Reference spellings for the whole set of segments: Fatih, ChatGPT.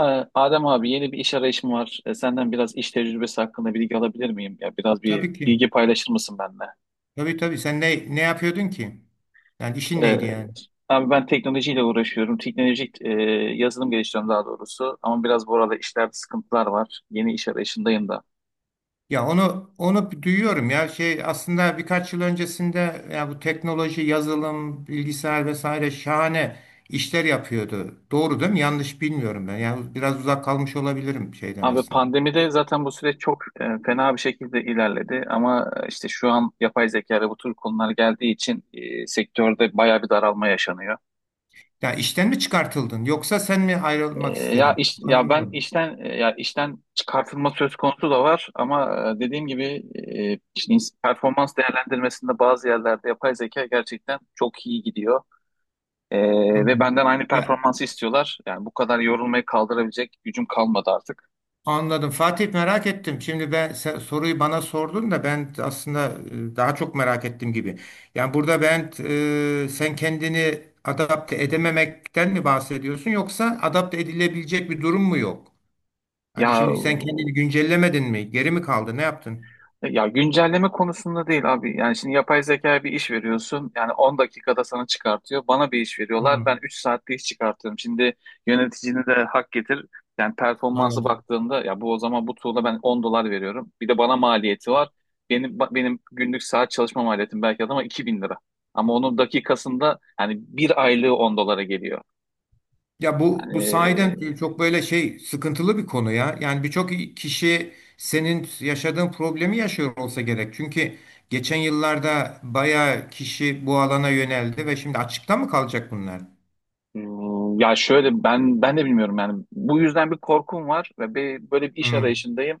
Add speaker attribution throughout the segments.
Speaker 1: Ee, Adem abi yeni bir iş arayışım var. Senden biraz iş tecrübesi hakkında bilgi alabilir miyim? Ya biraz bir
Speaker 2: Tabii ki.
Speaker 1: bilgi paylaşır mısın benimle?
Speaker 2: Tabii tabii. Sen ne yapıyordun ki? Yani işin
Speaker 1: Ee,
Speaker 2: neydi yani?
Speaker 1: Abi ben teknolojiyle uğraşıyorum. Teknolojik yazılım geliştiriyorum daha doğrusu. Ama biraz bu arada işlerde sıkıntılar var. Yeni iş arayışındayım da.
Speaker 2: Ya onu duyuyorum, ya şey aslında birkaç yıl öncesinde ya bu teknoloji, yazılım, bilgisayar vesaire şahane işler yapıyordu. Doğru değil mi? Yanlış bilmiyorum ben. Yani biraz uzak kalmış olabilirim şeyden
Speaker 1: Abi
Speaker 2: aslında.
Speaker 1: pandemide zaten bu süreç çok fena bir şekilde ilerledi. Ama işte şu an yapay zeka ve bu tür konular geldiği için sektörde bayağı bir daralma yaşanıyor.
Speaker 2: Ya işten mi çıkartıldın yoksa sen mi ayrılmak
Speaker 1: E, Ya
Speaker 2: istedin?
Speaker 1: iş, ya ben
Speaker 2: Anlamadım.
Speaker 1: işten e, ya işten çıkartılma söz konusu da var ama dediğim gibi işte performans değerlendirmesinde bazı yerlerde yapay zeka gerçekten çok iyi gidiyor. E,
Speaker 2: Hı.
Speaker 1: ve benden aynı
Speaker 2: Ya,
Speaker 1: performansı istiyorlar. Yani bu kadar yorulmayı kaldırabilecek gücüm kalmadı artık.
Speaker 2: anladım Fatih, merak ettim. Şimdi ben sen soruyu bana sordun da ben aslında daha çok merak ettim gibi. Yani burada ben, sen kendini adapte edememekten mi bahsediyorsun yoksa adapte edilebilecek bir durum mu yok? Hani
Speaker 1: Ya
Speaker 2: şimdi sen kendini güncellemedin mi? Geri mi kaldı? Ne yaptın?
Speaker 1: Ya, güncelleme konusunda değil abi. Yani şimdi yapay zekaya bir iş veriyorsun. Yani 10 dakikada sana çıkartıyor. Bana bir iş veriyorlar.
Speaker 2: Hı,
Speaker 1: Ben 3 saatte iş çıkartıyorum. Şimdi yöneticini de hak getir. Yani performansı
Speaker 2: anladım.
Speaker 1: baktığında ya bu o zaman bu tool'a ben 10 dolar veriyorum. Bir de bana maliyeti var. Benim günlük saat çalışma maliyetim belki adama 2000 lira. Ama onun dakikasında hani bir aylığı 10 dolara geliyor.
Speaker 2: Ya bu
Speaker 1: Yani,
Speaker 2: sahiden çok böyle şey sıkıntılı bir konu ya. Yani birçok kişi senin yaşadığın problemi yaşıyor olsa gerek. Çünkü geçen yıllarda bayağı kişi bu alana yöneldi ve şimdi açıkta mı kalacak bunlar?
Speaker 1: Ya şöyle ben de bilmiyorum yani bu yüzden bir korkum var ve bir, böyle bir iş
Speaker 2: Hmm,
Speaker 1: arayışındayım.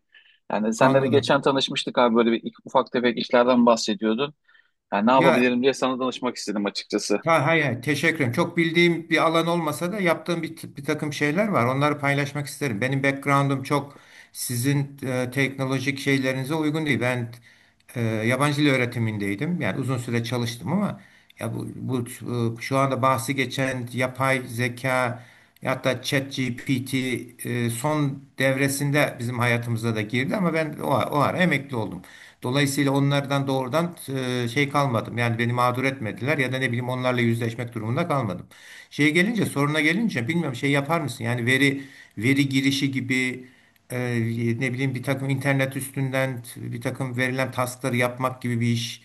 Speaker 1: Yani senle de geçen
Speaker 2: anladım.
Speaker 1: tanışmıştık abi, böyle bir ufak tefek işlerden bahsediyordun. Yani ne
Speaker 2: Ya,
Speaker 1: yapabilirim diye sana danışmak istedim açıkçası.
Speaker 2: ha, hayır, hayır, teşekkür ederim. Çok bildiğim bir alan olmasa da yaptığım bir takım şeyler var. Onları paylaşmak isterim. Benim background'um çok sizin teknolojik şeylerinize uygun değil. Ben yabancı dil öğretimindeydim. Yani uzun süre çalıştım ama ya bu şu anda bahsi geçen yapay zeka, hatta ChatGPT son devresinde bizim hayatımıza da girdi ama ben o ara emekli oldum. Dolayısıyla onlardan doğrudan şey kalmadım. Yani beni mağdur etmediler ya da ne bileyim onlarla yüzleşmek durumunda kalmadım. Şeye gelince, soruna gelince bilmiyorum, şey yapar mısın? Yani veri girişi gibi, e, ne bileyim bir takım internet üstünden bir takım verilen taskları yapmak gibi bir iş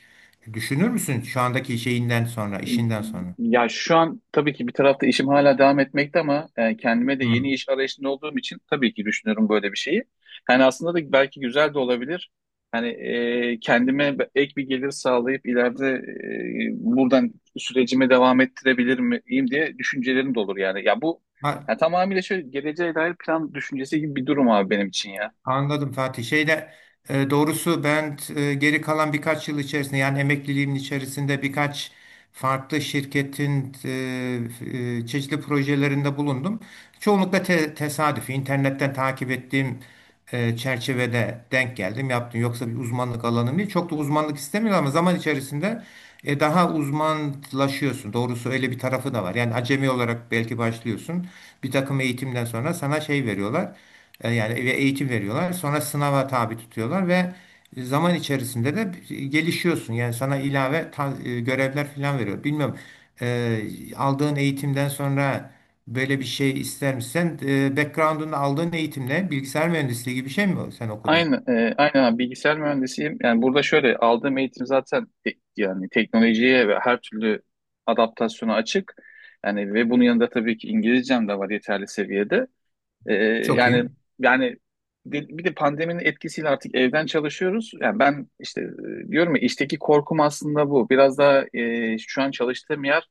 Speaker 2: düşünür müsün şu andaki şeyinden sonra, işinden sonra?
Speaker 1: Ya şu an tabii ki bir tarafta işim hala devam etmekte ama kendime de
Speaker 2: Hı.
Speaker 1: yeni iş arayışında olduğum için tabii ki düşünüyorum böyle bir şeyi. Yani aslında da belki güzel de olabilir. Hani kendime ek bir gelir sağlayıp ileride buradan sürecime devam ettirebilir miyim diye düşüncelerim de olur yani. Ya bu
Speaker 2: Ha,
Speaker 1: ya tamamıyla şöyle geleceğe dair plan düşüncesi gibi bir durum abi benim için ya.
Speaker 2: anladım Fatih. Şeyde, doğrusu ben geri kalan birkaç yıl içerisinde, yani emekliliğimin içerisinde, birkaç farklı şirketin çeşitli projelerinde bulundum. Çoğunlukla tesadüf, internetten takip ettiğim çerçevede denk geldim, yaptım. Yoksa bir uzmanlık alanım değil. Çok da uzmanlık istemiyor ama zaman içerisinde daha uzmanlaşıyorsun. Doğrusu öyle bir tarafı da var. Yani acemi olarak belki başlıyorsun. Bir takım eğitimden sonra sana şey veriyorlar. Yani ve eğitim veriyorlar. Sonra sınava tabi tutuyorlar ve zaman içerisinde de gelişiyorsun. Yani sana ilave görevler falan veriyor. Bilmiyorum. e, Aldığın eğitimden sonra böyle bir şey ister misin? Sen, background'unda aldığın eğitimle bilgisayar mühendisliği gibi bir şey mi sen okudun?
Speaker 1: Aynen abi, bilgisayar mühendisiyim. Yani burada şöyle aldığım eğitim zaten yani teknolojiye ve her türlü adaptasyona açık. Yani ve bunun yanında tabii ki İngilizcem de var yeterli seviyede. Ee,
Speaker 2: Çok
Speaker 1: yani
Speaker 2: iyi.
Speaker 1: yani, bir de pandeminin etkisiyle artık evden çalışıyoruz. Yani ben işte, diyorum ya, işteki korkum aslında bu. Biraz da şu an çalıştığım yer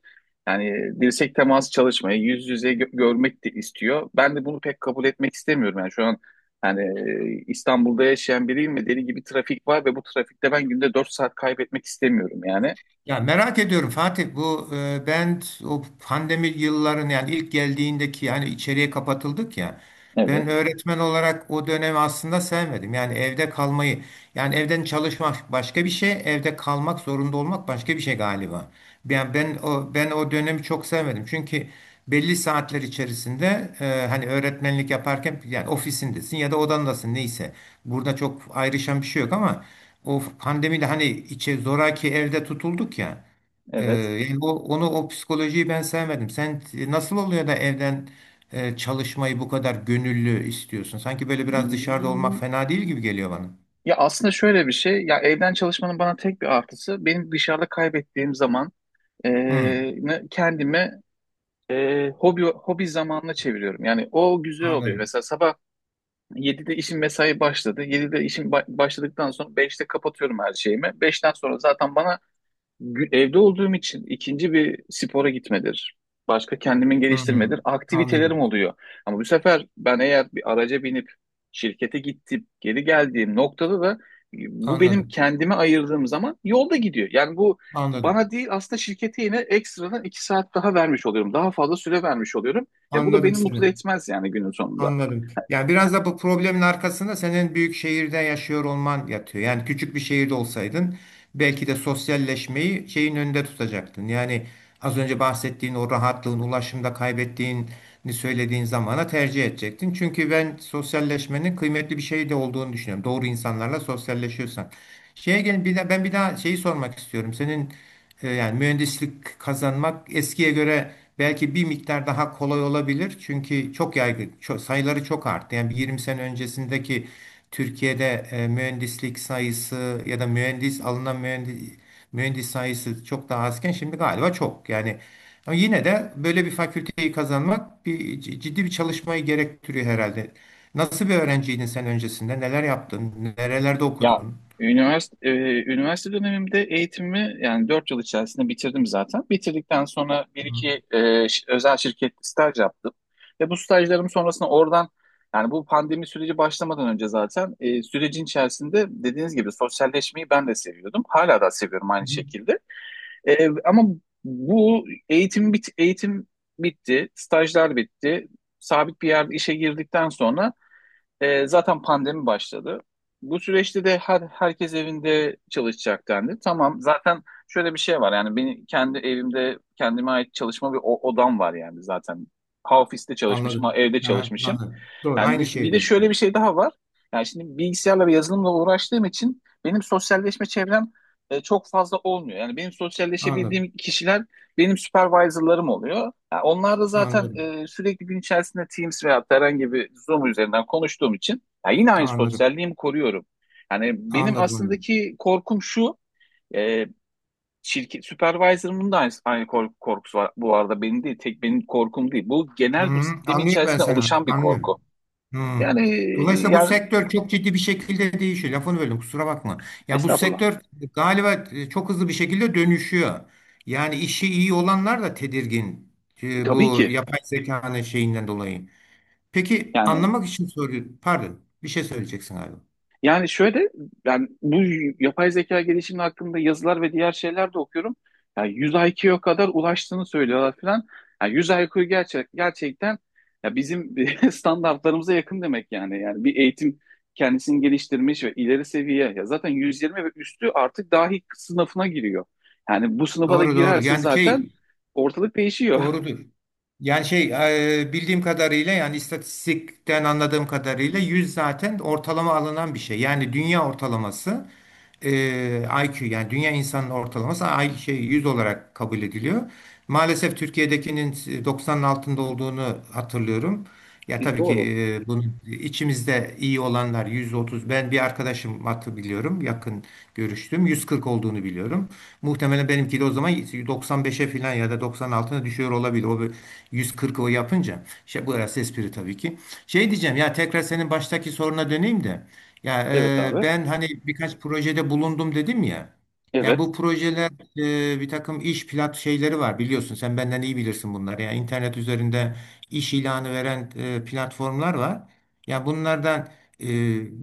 Speaker 1: yani dirsek teması, çalışmayı yüz yüze görmek de istiyor. Ben de bunu pek kabul etmek istemiyorum. Yani şu an yani İstanbul'da yaşayan biriyim ve deli gibi trafik var ve bu trafikte ben günde 4 saat kaybetmek istemiyorum yani.
Speaker 2: Ya merak ediyorum Fatih, bu ben o pandemi yılların, yani ilk geldiğindeki, yani içeriye kapatıldık ya, ben
Speaker 1: Evet,
Speaker 2: öğretmen olarak o dönemi aslında sevmedim. Yani evde kalmayı, yani evden çalışmak başka bir şey, evde kalmak zorunda olmak başka bir şey galiba. Yani ben o, ben o dönemi çok sevmedim çünkü belli saatler içerisinde, hani öğretmenlik yaparken yani ofisindesin ya da odandasın neyse, burada çok ayrışan bir şey yok ama o pandemide hani içe zoraki evde tutulduk ya.
Speaker 1: evet.
Speaker 2: Yani o, onu, o psikolojiyi ben sevmedim. Sen, nasıl oluyor da evden çalışmayı bu kadar gönüllü istiyorsun? Sanki böyle biraz dışarıda olmak fena değil gibi geliyor bana.
Speaker 1: Ya aslında şöyle bir şey, ya evden çalışmanın bana tek bir artısı, benim dışarıda kaybettiğim zaman e,
Speaker 2: Hmm,
Speaker 1: kendime hobi zamanına çeviriyorum. Yani o güzel oluyor.
Speaker 2: anladım.
Speaker 1: Mesela sabah 7'de işim, mesai başladı. 7'de işim başladıktan sonra beşte kapatıyorum her şeyimi. Beşten sonra zaten bana evde olduğum için ikinci bir spora gitmedir. Başka kendimi
Speaker 2: Hmm,
Speaker 1: geliştirmedir. Aktivitelerim
Speaker 2: anladım.
Speaker 1: oluyor. Ama bu sefer ben eğer bir araca binip şirkete gittim, geri geldiğim noktada da bu benim
Speaker 2: Anladım.
Speaker 1: kendime ayırdığım zaman yolda gidiyor. Yani bu
Speaker 2: Anladım.
Speaker 1: bana değil aslında, şirkete yine ekstradan iki saat daha vermiş oluyorum. Daha fazla süre vermiş oluyorum. Ya bu da
Speaker 2: Anladım
Speaker 1: beni mutlu
Speaker 2: seni.
Speaker 1: etmez yani günün sonunda.
Speaker 2: Anladım. Yani biraz da bu problemin arkasında senin büyük şehirde yaşıyor olman yatıyor. Yani küçük bir şehirde olsaydın belki de sosyalleşmeyi şeyin önünde tutacaktın. Yani az önce bahsettiğin o rahatlığın, ulaşımda kaybettiğin, hani söylediğin zamana tercih edecektin. Çünkü ben sosyalleşmenin kıymetli bir şey de olduğunu düşünüyorum. Doğru insanlarla sosyalleşiyorsan. Şeye gelin bir daha, ben bir daha şeyi sormak istiyorum. Senin, yani mühendislik kazanmak eskiye göre belki bir miktar daha kolay olabilir. Çünkü çok yaygın, çok, sayıları çok arttı. Yani bir 20 sene öncesindeki Türkiye'de, mühendislik sayısı ya da mühendis, alınan mühendis sayısı çok daha azken şimdi galiba çok. Yani ama yine de böyle bir fakülteyi kazanmak, bir ciddi bir çalışmayı gerektiriyor herhalde. Nasıl bir öğrenciydin sen öncesinde? Neler yaptın? Nerelerde
Speaker 1: Ya
Speaker 2: okudun?
Speaker 1: üniversite, e, üniversite dönemimde eğitimimi yani 4 yıl içerisinde bitirdim zaten. Bitirdikten sonra bir
Speaker 2: Hı
Speaker 1: iki özel şirkette staj yaptım. Ve bu stajlarım sonrasında oradan, yani bu pandemi süreci başlamadan önce zaten, sürecin içerisinde dediğiniz gibi sosyalleşmeyi ben de seviyordum. Hala da seviyorum aynı
Speaker 2: hı.
Speaker 1: şekilde. E, ama bu eğitim bit eğitim bitti, stajlar bitti. Sabit bir yerde işe girdikten sonra zaten pandemi başladı. Bu süreçte de herkes evinde çalışacak dendi. Tamam, zaten şöyle bir şey var yani, benim kendi evimde kendime ait çalışma bir odam var yani zaten. Ha ofiste çalışmışım, ha
Speaker 2: Anladım.
Speaker 1: evde
Speaker 2: Aha,
Speaker 1: çalışmışım.
Speaker 2: anladım. Doğru.
Speaker 1: Yani
Speaker 2: Aynı
Speaker 1: y- bir
Speaker 2: şeye
Speaker 1: de
Speaker 2: dönüşüyor.
Speaker 1: şöyle bir şey daha var. Yani şimdi bilgisayarla ve yazılımla uğraştığım için benim sosyalleşme çevrem çok fazla olmuyor. Yani benim
Speaker 2: Anladım.
Speaker 1: sosyalleşebildiğim kişiler benim supervisor'larım oluyor. Ha, onlar da zaten
Speaker 2: Anladım.
Speaker 1: sürekli gün içerisinde Teams veya herhangi bir Zoom üzerinden konuştuğum için ya, yine aynı
Speaker 2: Anladım.
Speaker 1: sosyalliğimi koruyorum. Yani benim
Speaker 2: Anladım. Anladım.
Speaker 1: aslındaki korkum şu, e, şirket supervisor'ımın da aynı korkusu var bu arada, benim değil, tek benim korkum değil. Bu
Speaker 2: Hı,
Speaker 1: genel, bu sistemin
Speaker 2: anlıyorum ben
Speaker 1: içerisinde
Speaker 2: seni
Speaker 1: oluşan
Speaker 2: artık.
Speaker 1: bir korku.
Speaker 2: Anlıyorum. Hmm.
Speaker 1: Yani
Speaker 2: Dolayısıyla bu
Speaker 1: yani,
Speaker 2: sektör çok ciddi bir şekilde değişiyor. Lafını böldüm, kusura bakma. Yani bu
Speaker 1: estağfurullah.
Speaker 2: sektör galiba çok hızlı bir şekilde dönüşüyor. Yani işi iyi olanlar da tedirgin
Speaker 1: Tabii
Speaker 2: bu
Speaker 1: ki.
Speaker 2: yapay zekanın şeyinden dolayı. Peki
Speaker 1: Yani
Speaker 2: anlamak için soruyorum. Pardon, bir şey söyleyeceksin galiba.
Speaker 1: Yani, şöyle, ben bu yapay zeka gelişimi hakkında yazılar ve diğer şeyler de okuyorum. Yani 100 IQ'ya kadar ulaştığını söylüyorlar falan. Yani 100 IQ gerçekten ya bizim standartlarımıza yakın demek yani. Yani bir eğitim kendisini geliştirmiş ve ileri seviye, ya zaten 120 ve üstü artık dahi sınıfına giriyor. Yani bu sınıfa da
Speaker 2: Doğru, doğru.
Speaker 1: girerse
Speaker 2: Yani
Speaker 1: zaten
Speaker 2: şey,
Speaker 1: ortalık değişiyor.
Speaker 2: doğrudur. Yani şey, bildiğim kadarıyla, yani istatistikten anladığım kadarıyla 100 zaten ortalama alınan bir şey. Yani dünya ortalaması, IQ, yani dünya insanının ortalaması şey 100 olarak kabul ediliyor. Maalesef Türkiye'dekinin 90'ın altında olduğunu hatırlıyorum. Ya tabii
Speaker 1: Doğru.
Speaker 2: ki, bunun içimizde iyi olanlar 130. Ben bir arkadaşım hattı biliyorum. Yakın görüştüm. 140 olduğunu biliyorum. Muhtemelen benimki de o zaman 95'e falan ya da 96'na düşüyor olabilir. O bir 140 o yapınca. Şey, bu arası espri tabii ki. Şey diyeceğim, ya tekrar senin baştaki soruna döneyim de. Ya,
Speaker 1: Evet abi.
Speaker 2: ben hani birkaç projede bulundum dedim ya. Yani
Speaker 1: Evet.
Speaker 2: bu projeler, bir takım iş plat şeyleri var, biliyorsun, sen benden iyi bilirsin bunları. Yani internet üzerinde iş ilanı veren platformlar var. Ya bunlardan, e,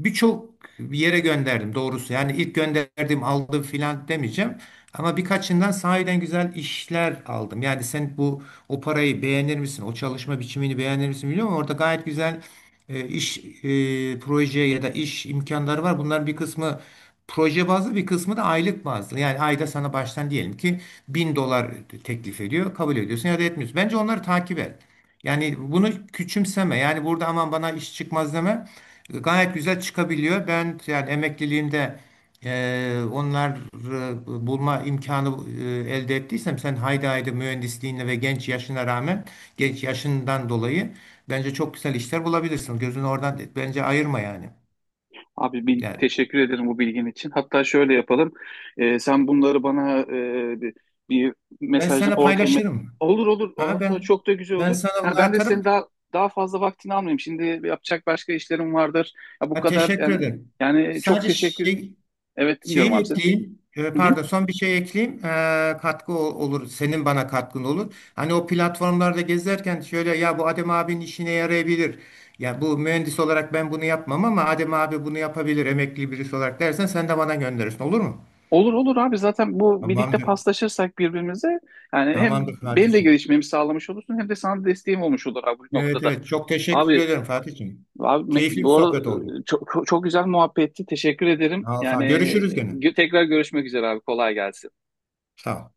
Speaker 2: birçok bir yere gönderdim doğrusu. Yani ilk gönderdim aldım filan demeyeceğim. Ama birkaçından sahiden güzel işler aldım. Yani sen bu, o parayı beğenir misin? O çalışma biçimini beğenir misin bilmiyorum, ama orada gayet güzel iş, proje ya da iş imkanları var. Bunların bir kısmı proje bazlı, bir kısmı da aylık bazlı. Yani ayda sana baştan diyelim ki $1.000 teklif ediyor. Kabul ediyorsun ya da etmiyorsun. Bence onları takip et. Yani bunu küçümseme. Yani burada aman bana iş çıkmaz deme. Gayet güzel çıkabiliyor. Ben yani emekliliğimde onlar, bulma imkanı elde ettiysem sen haydi haydi mühendisliğine ve genç yaşına rağmen, genç yaşından dolayı bence çok güzel işler bulabilirsin. Gözünü oradan bence ayırma yani.
Speaker 1: Abi,
Speaker 2: Yani
Speaker 1: teşekkür ederim bu bilgin için. Hatta şöyle yapalım. Sen bunları bana, bir
Speaker 2: ben
Speaker 1: mesajdan
Speaker 2: sana paylaşırım.
Speaker 1: olur, olur. O
Speaker 2: Ha,
Speaker 1: hatta
Speaker 2: ben
Speaker 1: çok da güzel
Speaker 2: ben
Speaker 1: olur.
Speaker 2: sana
Speaker 1: Ha,
Speaker 2: bunları
Speaker 1: ben de senin
Speaker 2: atarım.
Speaker 1: daha fazla vaktini almayayım. Şimdi yapacak başka işlerim vardır. Ya, bu
Speaker 2: Ha,
Speaker 1: kadar
Speaker 2: teşekkür
Speaker 1: yani,
Speaker 2: ederim.
Speaker 1: çok
Speaker 2: Sadece
Speaker 1: teşekkür.
Speaker 2: şey,
Speaker 1: Evet, dinliyorum
Speaker 2: şeyi
Speaker 1: abi seni.
Speaker 2: ekleyeyim.
Speaker 1: Hı hı.
Speaker 2: Pardon, son bir şey ekleyeyim. Katkı olur. Senin bana katkın olur. Hani o platformlarda gezerken, şöyle, ya bu Adem abinin işine yarayabilir. Ya bu mühendis olarak ben bunu yapmam ama Adem abi bunu yapabilir emekli birisi olarak dersen, sen de bana gönderirsin, olur mu?
Speaker 1: Olur, olur abi, zaten bu birlikte
Speaker 2: Tamamdır.
Speaker 1: paslaşırsak birbirimize yani, hem
Speaker 2: Tamamdır
Speaker 1: benim de
Speaker 2: Fatih'im.
Speaker 1: gelişmemi sağlamış olursun hem de sana desteğim olmuş olur abi bu
Speaker 2: Evet,
Speaker 1: noktada.
Speaker 2: evet, çok teşekkür
Speaker 1: Abi
Speaker 2: ederim Fatih'im.
Speaker 1: Abi,
Speaker 2: Keyifli bir
Speaker 1: bu arada
Speaker 2: sohbet oldu.
Speaker 1: çok, çok güzel muhabbetti. Teşekkür ederim.
Speaker 2: Sağ ol, sağ ol.
Speaker 1: Yani
Speaker 2: Görüşürüz gene.
Speaker 1: tekrar görüşmek üzere abi. Kolay gelsin.
Speaker 2: Sağ ol.